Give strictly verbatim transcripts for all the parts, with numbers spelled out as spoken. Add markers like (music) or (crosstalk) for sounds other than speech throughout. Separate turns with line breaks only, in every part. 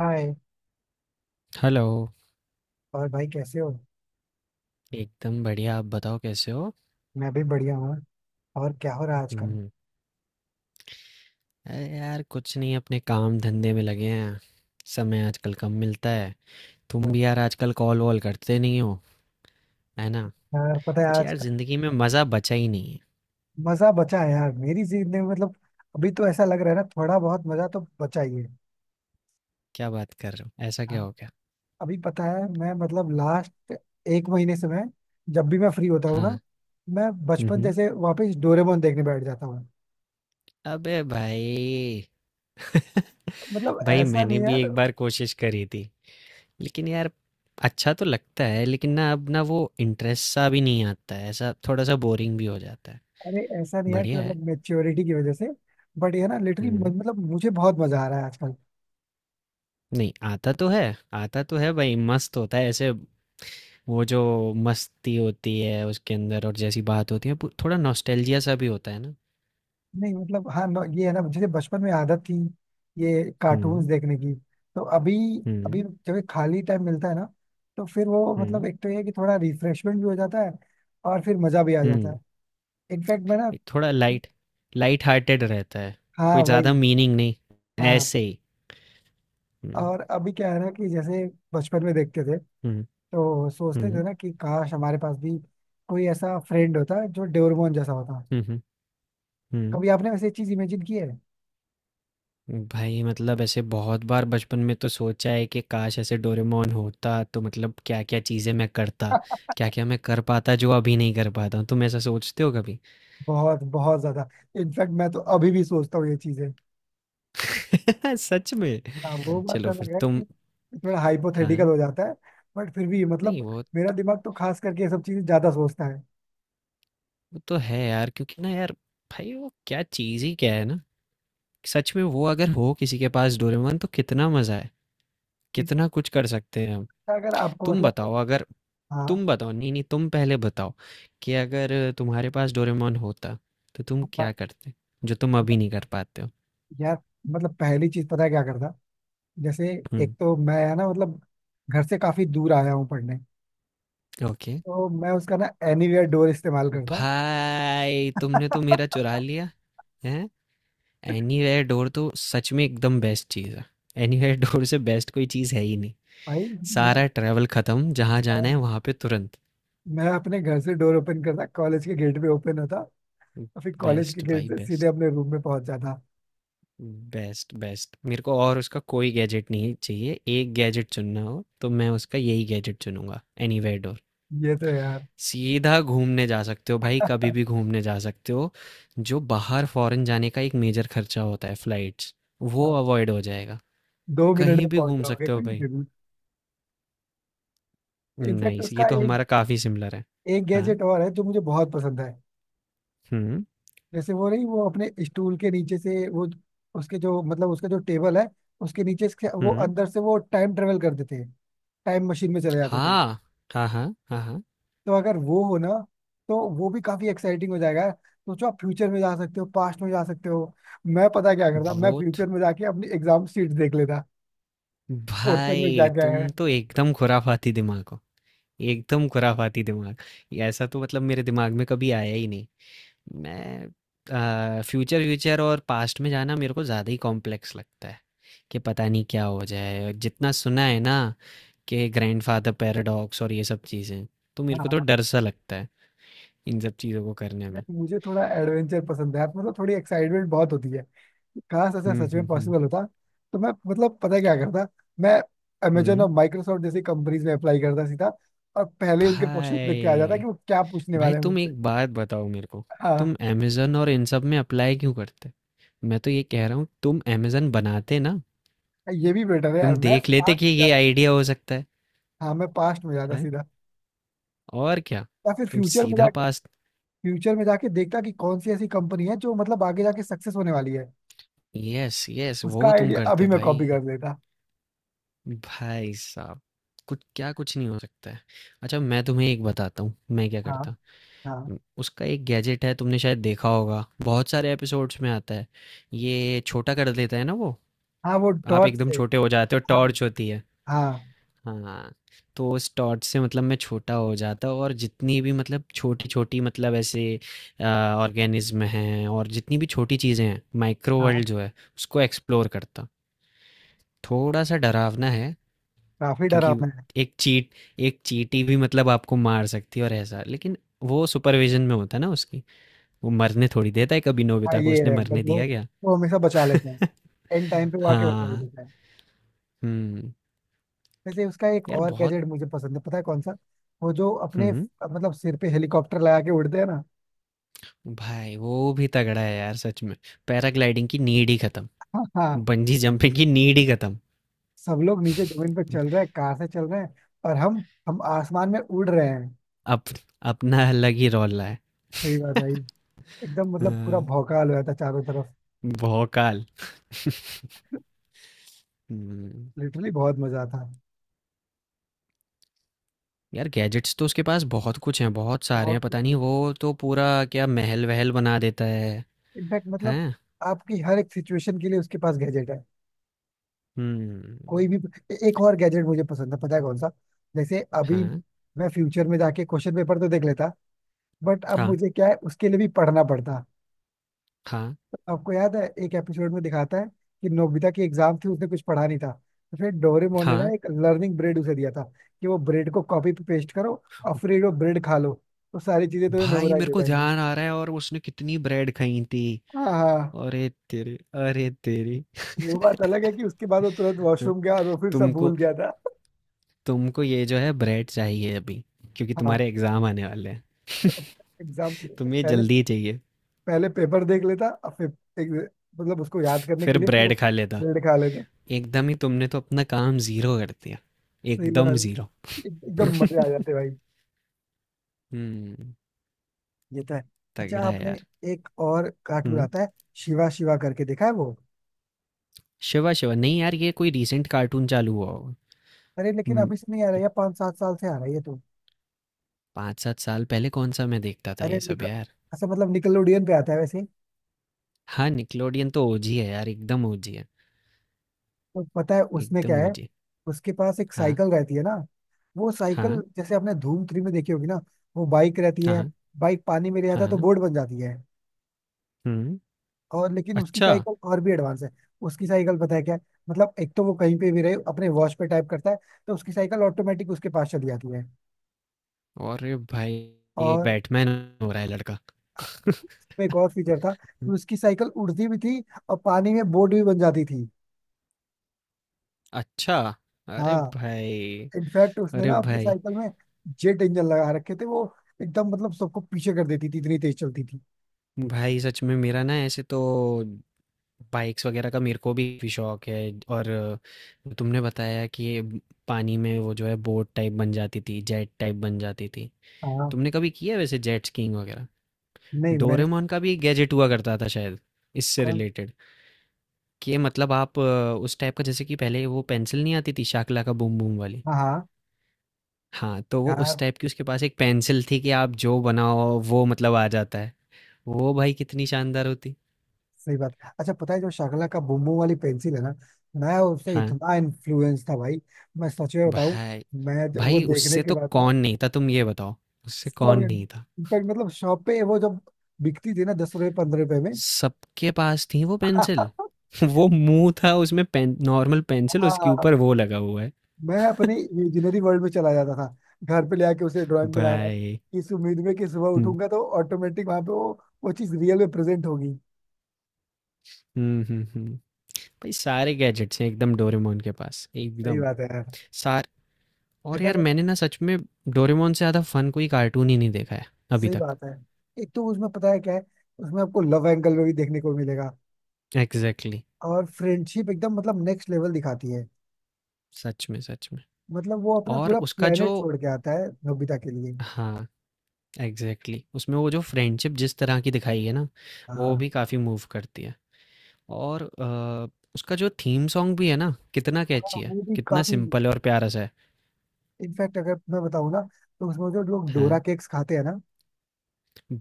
हाय।
Hello!
और भाई, कैसे हो?
एकदम बढ़िया, आप बताओ कैसे हो?
मैं भी बढ़िया हूँ। और क्या हो रहा है आजकल?
हुँ, अरे यार कुछ नहीं अपने काम-धंधे में लगे हैं। समय आजकल कम मिलता है। तुम भी यार आजकल कॉल-वॉल करते नहीं हो, है ना?
यार, पता है
कुछ यार
आजकल
ज़िंदगी में मज़ा बचा ही नहीं है।
मजा बचा है यार मेरी जिंदगी में मतलब अभी तो ऐसा लग रहा है ना, थोड़ा बहुत मजा तो बचा ही है।
क्या बात कर रहे हो? ऐसा क्या
हाँ,
हो गया?
अभी पता है मैं मतलब लास्ट एक महीने से, मैं जब भी मैं फ्री होता हूँ ना,
हाँ।
मैं
हुँ।
बचपन
हुँ।
जैसे वापस डोरेमोन देखने बैठ जाता हूँ।
अबे भाई! (laughs)
मतलब
भाई
ऐसा
मैंने
नहीं
भी
यार।
एक बार कोशिश करी थी, लेकिन यार अच्छा तो लगता है लेकिन ना अब ना वो इंटरेस्ट सा भी नहीं आता है, ऐसा थोड़ा-सा बोरिंग भी हो जाता है।
अरे ऐसा नहीं यार कि
बढ़िया है।
मतलब मेच्योरिटी की वजह से, बट ये ना लिटरली
हुँ।
मतलब मुझे बहुत मजा आ रहा है।
नहीं आता तो है। आता तो है भाई, मस्त होता है ऐसे। वो जो मस्ती होती है उसके अंदर, और जैसी बात होती है पू- थोड़ा नॉस्टैल्जिया सा भी होता है ना।
नहीं मतलब, हाँ, न- ये है ना, जैसे बचपन में आदत थी ये कार्टून्स
हम्म।
देखने की, तो अभी अभी
हम्म।
जब ये खाली टाइम मिलता है ना, तो फिर वो मतलब
हम्म।
एक तो ये है कि थोड़ा रिफ्रेशमेंट भी हो जाता है और फिर मजा भी आ जाता
हम्म।
है। इनफैक्ट मैं ना,
एक थोड़ा लाइट लाइट हार्टेड रहता है।
हाँ
कोई ज़्यादा
वही।
मीनिंग नहीं।
हाँ,
ऐसे ही। हम्म।
और अभी क्या है ना कि जैसे बचपन में देखते थे
हम्म।
तो सोचते थे
हम्म।
ना कि काश हमारे पास भी कोई ऐसा फ्रेंड होता जो डोरेमोन जैसा होता।
हम्म। हम्म।
कभी आपने वैसे चीज इमेजिन की है?
हम्म। भाई मतलब ऐसे बहुत बार बचपन में तो सोचा है कि काश ऐसे डोरेमोन होता तो मतलब क्या क्या चीज़ें मैं करता,
(laughs)
क्या क्या मैं कर पाता जो अभी नहीं कर पाता हूँ। तुम ऐसा सोचते हो कभी?
बहुत बहुत ज्यादा। इनफैक्ट मैं तो अभी भी सोचता हूँ ये चीजें।
(laughs) सच में?
हाँ, वो बात तो
चलो फिर
अलग है
तुम।
कि थोड़ा हाइपोथेटिकल
हाँ।
हो जाता है, बट फिर भी
नहीं
मतलब
वो,
मेरा दिमाग तो खास करके ये सब चीजें ज्यादा सोचता है।
वो तो है यार, क्योंकि ना यार, भाई वो क्या चीज़ ही क्या है ना, सच में वो अगर हो किसी के पास डोरेमोन तो कितना मज़ा है,
इसका,
कितना कुछ कर सकते हैं हम।
अगर आपको
तुम
मतलब,
बताओ अगर,
हाँ।
तुम बताओ नहीं, नहीं तुम पहले बताओ कि अगर तुम्हारे पास डोरेमोन होता, तो तुम क्या
प-
करते? जो तुम अभी नहीं कर पाते हो?
यार, मतलब पहली चीज पता है क्या करता? जैसे एक
हुँ,
तो मैं है ना मतलब घर से काफी दूर आया हूँ पढ़ने,
ओके।
तो मैं उसका ना एनीवेयर डोर इस्तेमाल करता।
भाई तुमने तो मेरा चुरा
(laughs)
लिया, हैं? एनीवेयर डोर तो सच में एकदम बेस्ट चीज़ है। एनीवेयर डोर से बेस्ट कोई चीज़ है ही नहीं।
भाई, मैं
सारा ट्रैवल ख़त्म, जहाँ जाना है वहाँ पे तुरंत।
मैं अपने घर से डोर ओपन करता, कॉलेज के गेट पे ओपन होता और फिर कॉलेज के
बेस्ट
गेट
भाई
से सीधे
बेस्ट,
अपने रूम में पहुंच जाता।
Best best. मेरे को और उसका कोई गैजेट नहीं चाहिए, एक गैजेट चुनना हो तो मैं उसका यही गैजेट चुनूंगा। Anywhere door.
ये तो यार
सीधा घूमने जा सकते हो भाई, कभी भी घूमने जा सकते हो। जो बाहर फॉरेन जाने का एक मेजर खर्चा होता है फ्लाइट्स, वो अवॉइड हो जाएगा।
दो मिनट
कहीं
में
भी
पहुंच
घूम
जाओगे
सकते हो
कहीं
भाई।
जरूर। इनफैक्ट
नाइस, ये
उसका
तो
एक
हमारा काफ़ी सिमिलर है।
एक
हाँ।
गैजेट और है जो मुझे बहुत पसंद है।
हुँ।
जैसे वो नहीं, वो अपने स्टूल के नीचे से वो, उसके जो मतलब उसका जो टेबल है उसके नीचे से, वो
हुँ।
अंदर से वो टाइम ट्रेवल करते थे, टाइम मशीन में चले जाते थे।
हाँ, हाँ, हाँ, हाँ, हाँ।
तो अगर वो हो ना तो वो भी काफी एक्साइटिंग हो जाएगा। सोचो, आप फ्यूचर में जा सकते हो, पास्ट में जा सकते हो। मैं पता क्या करता, मैं
वो तो।
फ्यूचर में जाके अपनी एग्जाम शीट देख लेता, क्वेश्चन में क्या
भाई
क्या है।
तुम तो एकदम खुराफाती दिमाग हो, एकदम खुराफाती दिमाग। ये ऐसा तो मतलब मेरे दिमाग में कभी आया ही नहीं। मैं अ, फ्यूचर व्यूचर और पास्ट में जाना मेरे को ज़्यादा ही कॉम्प्लेक्स लगता है, कि पता नहीं क्या हो जाए। जितना सुना है ना, कि ग्रैंडफादर पैराडॉक्स और ये सब चीज़ें, तो मेरे को तो
हाँ,
डर सा लगता है इन सब चीज़ों को करने में।
मुझे थोड़ा एडवेंचर पसंद है, आप मतलब थोड़ी एक्साइटमेंट बहुत होती है। काश ऐसा
हुँ।
सच में
हुँ। हुँ।
पॉसिबल होता, तो मैं मतलब पता है क्या करता, मैं अमेजन
हुँ।
और माइक्रोसॉफ्ट जैसी कंपनीज में अप्लाई करता सीधा, और पहले ही उनके क्वेश्चन देख के आ जाता कि
भाई,
वो क्या पूछने
भाई
वाले हैं
तुम
मुझसे।
एक बात बताओ मेरे को, तुम
हाँ,
अमेज़न और इन सब में अप्लाई क्यों करते? मैं तो ये कह रहा हूँ तुम अमेज़न बनाते ना,
ये भी बेटर है यार,
तुम
मैं
देख लेते
पास्ट
कि
में
ये
जाता।
आइडिया हो सकता है,
हाँ, मैं पास्ट में जाता
हैं?
सीधा,
और क्या?
या फिर
तुम
फ्यूचर में
सीधा
जाके
पास।
फ्यूचर में जाके देखता कि कौन सी ऐसी कंपनी है जो मतलब आगे जाके सक्सेस होने वाली है,
यस यस
उसका
वो तुम
आइडिया अभी
करते
मैं कॉपी
भाई।
कर लेता।
भाई साहब, कुछ क्या कुछ नहीं हो सकता है। अच्छा मैं तुम्हें एक बताता हूँ मैं क्या
हाँ,
करता।
हाँ।
उम, उसका एक गैजेट है, तुमने शायद देखा होगा, बहुत सारे एपिसोड्स में आता है। ये छोटा कर देता है ना वो,
हाँ, वो
आप
टॉर्च
एकदम
से।
छोटे हो जाते हो,
हाँ,
टॉर्च होती है।
हाँ।
हाँ, तो उस टॉर्च से मतलब मैं छोटा हो जाता हूँ, और जितनी भी मतलब छोटी छोटी मतलब ऐसे ऑर्गेनिज्म हैं और जितनी भी छोटी चीज़ें हैं, माइक्रो वर्ल्ड
हाँ,
जो है उसको एक्सप्लोर करता। थोड़ा सा डरावना है,
काफी
क्योंकि
डरावना है।
एक चीट एक चींटी भी मतलब आपको मार सकती है, और ऐसा। लेकिन वो सुपरविजन में होता है ना उसकी, वो मरने थोड़ी देता है। कभी
हाँ,
नोबिता को
ये
उसने
है,
मरने
बट वो
दिया क्या?
वो हमेशा बचा लेते हैं।
(laughs)
एंड टाइम पे वो आके बचा ही
हाँ।
लेता है।
हम्म।
वैसे उसका एक
यार
और
बहुत।
गैजेट मुझे पसंद है, पता है कौन सा? वो जो अपने
हम्म।
मतलब सिर पे हेलीकॉप्टर लगा के उड़ते हैं ना।
भाई वो भी तगड़ा है यार सच में। पैराग्लाइडिंग की नीड ही खत्म,
हाँ, हाँ।
बंजी जंपिंग की नीड ही खत्म।
सब लोग नीचे जमीन पे चल रहे हैं, कार से चल रहे हैं, और हम हम आसमान में उड़ रहे हैं।
अप, अपना अलग ही रोला है।
सही बात है। एकदम मतलब पूरा
हाँ,
भौकाल हो जाता चारों तरफ,
भौकाल। हम्म।
लिटरली बहुत मजा आता है।
यार गैजेट्स तो उसके पास बहुत कुछ हैं, बहुत सारे
बहुत
हैं,
ही
पता नहीं
सही।
वो तो पूरा क्या महल वहल बना देता है।
इनफैक्ट मतलब
हैं।
आपकी हर एक सिचुएशन के लिए उसके पास गैजेट है, कोई
हम्म।
भी। ए- एक और गैजेट मुझे पसंद है, पता है कौन सा? जैसे अभी
हाँ,
मैं फ्यूचर में जाके क्वेश्चन पेपर तो देख लेता, बट अब
हाँ,
मुझे क्या है, उसके लिए भी पढ़ना पड़ता।
हाँ,
आपको याद है एक एपिसोड में दिखाता है कि नोबिता की एग्जाम थी, उसने कुछ पढ़ा नहीं था, तो फिर डोरेमोन ने ना
हाँ।
एक लर्निंग ब्रेड उसे दिया था, कि वो ब्रेड को कॉपी पे पेस्ट करो और फिर वो ब्रेड खा लो, तो सारी चीजें तुम्हें
भाई
मेमोराइज
मेरे
हो
को
जाएंगी।
ध्यान आ रहा है, और उसने कितनी ब्रेड खाई थी।
हाँ, हाँ।
अरे तेरे, अरे तेरे।
वो बात अलग है कि उसके बाद वो तुरंत
हाँ,
वॉशरूम गया और वो फिर सब
तुमको
भूल गया था।
तुमको ये जो है ब्रेड चाहिए अभी, क्योंकि
हाँ,
तुम्हारे एग्जाम आने वाले हैं।
तो एग्जाम से
तुम्हें
पहले,
जल्दी चाहिए।
पहले पेपर देख लेता और फिर एक, मतलब उसको याद करने के
फिर
लिए फिर
ब्रेड खा लेता।
बिल्ड खा लेता।
एकदम ही तुमने तो अपना काम जीरो कर दिया,
सही बात
एकदम
है।
जीरो।
एक- एकदम मजे आ जाते भाई।
हम्म।
ये तो है। अच्छा,
तगड़ा है
आपने
यार।
एक और कार्टून
हम्म।
आता है, शिवा शिवा करके, देखा है वो?
शिवा शिवा नहीं यार, ये कोई रीसेंट कार्टून चालू हुआ होगा।
अरे लेकिन
हम्म।
अभी से नहीं आ रहा है, पांच सात साल से आ रहा है ये तो।
पाँच सात साल पहले कौन सा मैं देखता था
अरे
ये सब
निकल,
यार।
अच्छा मतलब निकलोडियन पे आता है वैसे।
हाँ, निकलोडियन तो ओजी है यार, एकदम ओजी है।
तो पता है उसमें क्या
एकदम
है?
ओजी।
उसके पास एक
हाँ।
साइकिल रहती है ना, वो साइकिल
हाँ।
जैसे आपने धूम थ्री में देखी होगी ना, वो बाइक रहती है,
हाँ।
बाइक पानी में रह जाता है तो
हाँ।
बोट बन जाती है।
हम्म।
और लेकिन उसकी
अच्छा।
साइकिल और भी एडवांस है। उसकी साइकिल पता है क्या है? मतलब एक तो वो कहीं पे भी रहे, अपने वॉच पे टाइप करता है तो उसकी साइकिल ऑटोमेटिक उसके पास चली जाती है।
और भाई, ये एक
और
बैटमैन हो रहा है लड़का। (laughs)
इसमें एक और फीचर था कि उसकी साइकिल उड़ती भी थी और पानी में बोट भी बन जाती थी।
अच्छा। अरे
हाँ,
भाई,
इनफैक्ट उसने
अरे
ना अपनी
भाई।
साइकिल में जेट इंजन लगा रखे थे, वो एकदम मतलब सबको पीछे कर देती थी, इतनी तेज चलती थी।
भाई सच में मेरा ना, ऐसे तो बाइक्स वगैरह का मेरे को भी काफी शौक है। और तुमने बताया कि ये पानी में वो जो है बोट टाइप बन जाती थी, जेट टाइप बन जाती थी।
हाँ,
तुमने कभी किया है वैसे जेट स्कीइंग वगैरह?
नहीं मैंने।
डोरेमोन का भी गैजेट हुआ करता था शायद इससे
कौन?
रिलेटेड। कि मतलब आप अ, उस टाइप का जैसे कि पहले वो पेंसिल नहीं आती थी शाकला का बूम बूम वाली।
हाँ, हाँ।
हाँ, तो वो उस
यार
टाइप की उसके पास एक पेंसिल थी, कि आप जो बनाओ वो मतलब आ जाता है। वो भाई कितनी शानदार होती।
सही बात। अच्छा पता है, जो शाकला का बुम्बू वाली पेंसिल है ना, मैं उससे
हाँ।
इतना इन्फ्लुएंस था भाई, मैं सच में बताऊं।
भाई
मैं जब वो
भाई
देखने
उससे
के
तो
बाद ना,
कौन नहीं था, तुम ये बताओ, उससे
सब।
कौन नहीं था?
इनफैक्ट मतलब शॉप पे वो जब बिकती थी ना दस रुपए पंद्रह रुपए में।
सबके पास थी वो पेंसिल।
(laughs)
(laughs) वो मुँह था उसमें, पेन नॉर्मल पेंसिल उसके
हाँ,
ऊपर वो लगा हुआ है।
मैं अपने इमेजिनरी वर्ल्ड में चला जाता था, घर पे ले आके उसे ड्राइंग बना रहा हूँ
भाई।
इस उम्मीद में कि सुबह
हुँ।
उठूंगा तो ऑटोमेटिक वहां पे वो वो चीज रियल में प्रेजेंट होगी।
हुँ। हुँ। हुँ। भाई सारे गैजेट्स हैं एकदम डोरेमोन के पास,
सही
एकदम।
बात है यार।
सार और
अगर
यार
मतलब।
मैंने ना सच में डोरेमोन से ज़्यादा फ़न कोई कार्टून ही नहीं देखा है अभी
सही
तक।
बात है। एक तो उसमें पता है क्या है, उसमें आपको लव एंगल में भी देखने को मिलेगा,
एग्ज़ैक्टली।
और फ्रेंडशिप एकदम मतलब नेक्स्ट लेवल दिखाती है।
सच में, सच में।
मतलब वो अपना
और
पूरा
उसका जो।
प्लेनेट छोड़ के आता है नोबिता के लिए।
हाँ। Exactly exactly। उसमें वो जो फ्रेंडशिप जिस तरह की दिखाई है ना, वो
हाँ,
भी काफ़ी मूव करती है। और अ, उसका जो थीम सॉन्ग भी है ना, कितना
हाँ,
कैची है,
वो भी
कितना
काफी।
सिंपल और प्यारा सा है।
इनफैक्ट अगर मैं बताऊँ ना, तो उसमें जो लोग डोरा
हाँ।
केक्स खाते हैं ना,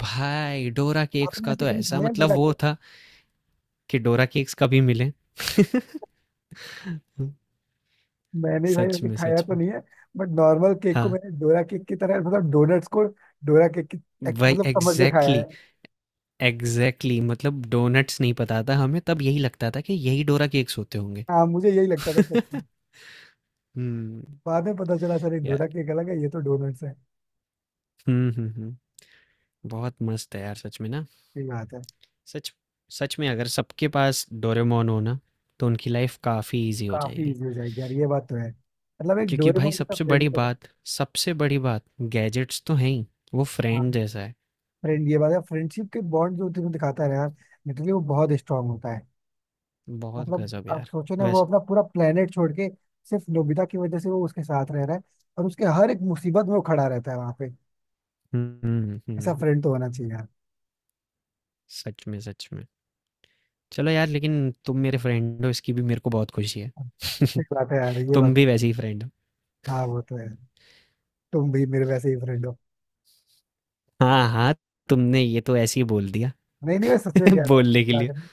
भाई डोरा केक्स
आपने
का
ऐसे
तो
कभी
ऐसा
खाया है
मतलब
डोरा
वो
केक?
था कि डोरा केक्स कभी मिले। (laughs)
मैंने भाई
सच
ऐसे
में,
खाया
सच
तो
में।
नहीं है, बट नॉर्मल केक को
हाँ
मैंने डोरा केक की तरह, मतलब डोनट्स को डोरा केक की एक-
वही
मतलब समझ के खाया
एग्जैक्टली
है।
exactly, एग्जैक्टली exactly, मतलब डोनट्स नहीं पता था हमें, तब यही लगता था कि यही डोरा केक्स होते होंगे।
हाँ, मुझे यही लगता था
(laughs)
सच में।
हम्म।
बाद में पता चला सर ये
यार।
डोरा केक अलग है, ये तो डोनट्स है।
हम्म। हम्म। हम्म। बहुत मस्त है यार सच में ना।
सही बात है।
सच, सच में अगर सबके पास डोरेमोन हो ना, तो उनकी लाइफ काफ़ी ईजी हो
काफी
जाएगी।
इजी हो जाएगी यार, ये बात तो है, मतलब एक
क्योंकि भाई,
डोरेमोन जैसा
सबसे
फ्रेंड।
बड़ी बात, सबसे बड़ी बात, गैजेट्स तो हैं ही, वो
हाँ,
फ्रेंड जैसा है।
फ्रेंड ये बात है, फ्रेंडशिप के बॉन्ड जो तुम्हें दिखाता है ना यार, लिटरली वो बहुत स्ट्रांग होता है।
बहुत
मतलब
गजब
आप
यार।
सोचो ना, वो
वैसे।
अपना पूरा प्लेनेट छोड़ के सिर्फ नोबिता की वजह से वो उसके साथ रह रहा है, और उसके हर एक मुसीबत में वो खड़ा रहता है वहां पे।
हम्म। हम्म।
ऐसा
हम्म।
फ्रेंड तो होना चाहिए यार।
सच में, सच में। चलो यार, लेकिन तुम मेरे फ्रेंड हो इसकी भी मेरे को बहुत खुशी है।
सही बात है यार,
(laughs)
ये
तुम
बात।
भी वैसे ही फ्रेंड हो।
हाँ, वो तो है, तुम भी मेरे वैसे ही फ्रेंड हो।
हाँ हाँ। तुमने ये तो ऐसे ही बोल दिया।
नहीं नहीं, मैं सच में
(laughs)
कह रहा हूँ,
बोलने के
बात
लिए।
नहीं।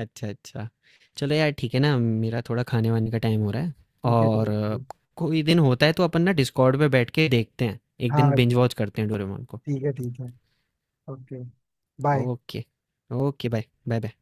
अच्छा अच्छा। चलो यार ठीक है ना, मेरा थोड़ा खाने वाने का टाइम हो रहा है।
ठीक है,
और
ठीक
अ,
है।
कोई दिन होता है तो अपन ना डिस्कॉर्ड पे बैठ के देखते हैं, एक दिन
हाँ,
बिंज वॉच करते हैं डोरेमोन को।
ठीक है, ठीक है। Okay, bye.
Okay. Okay bye bye bye.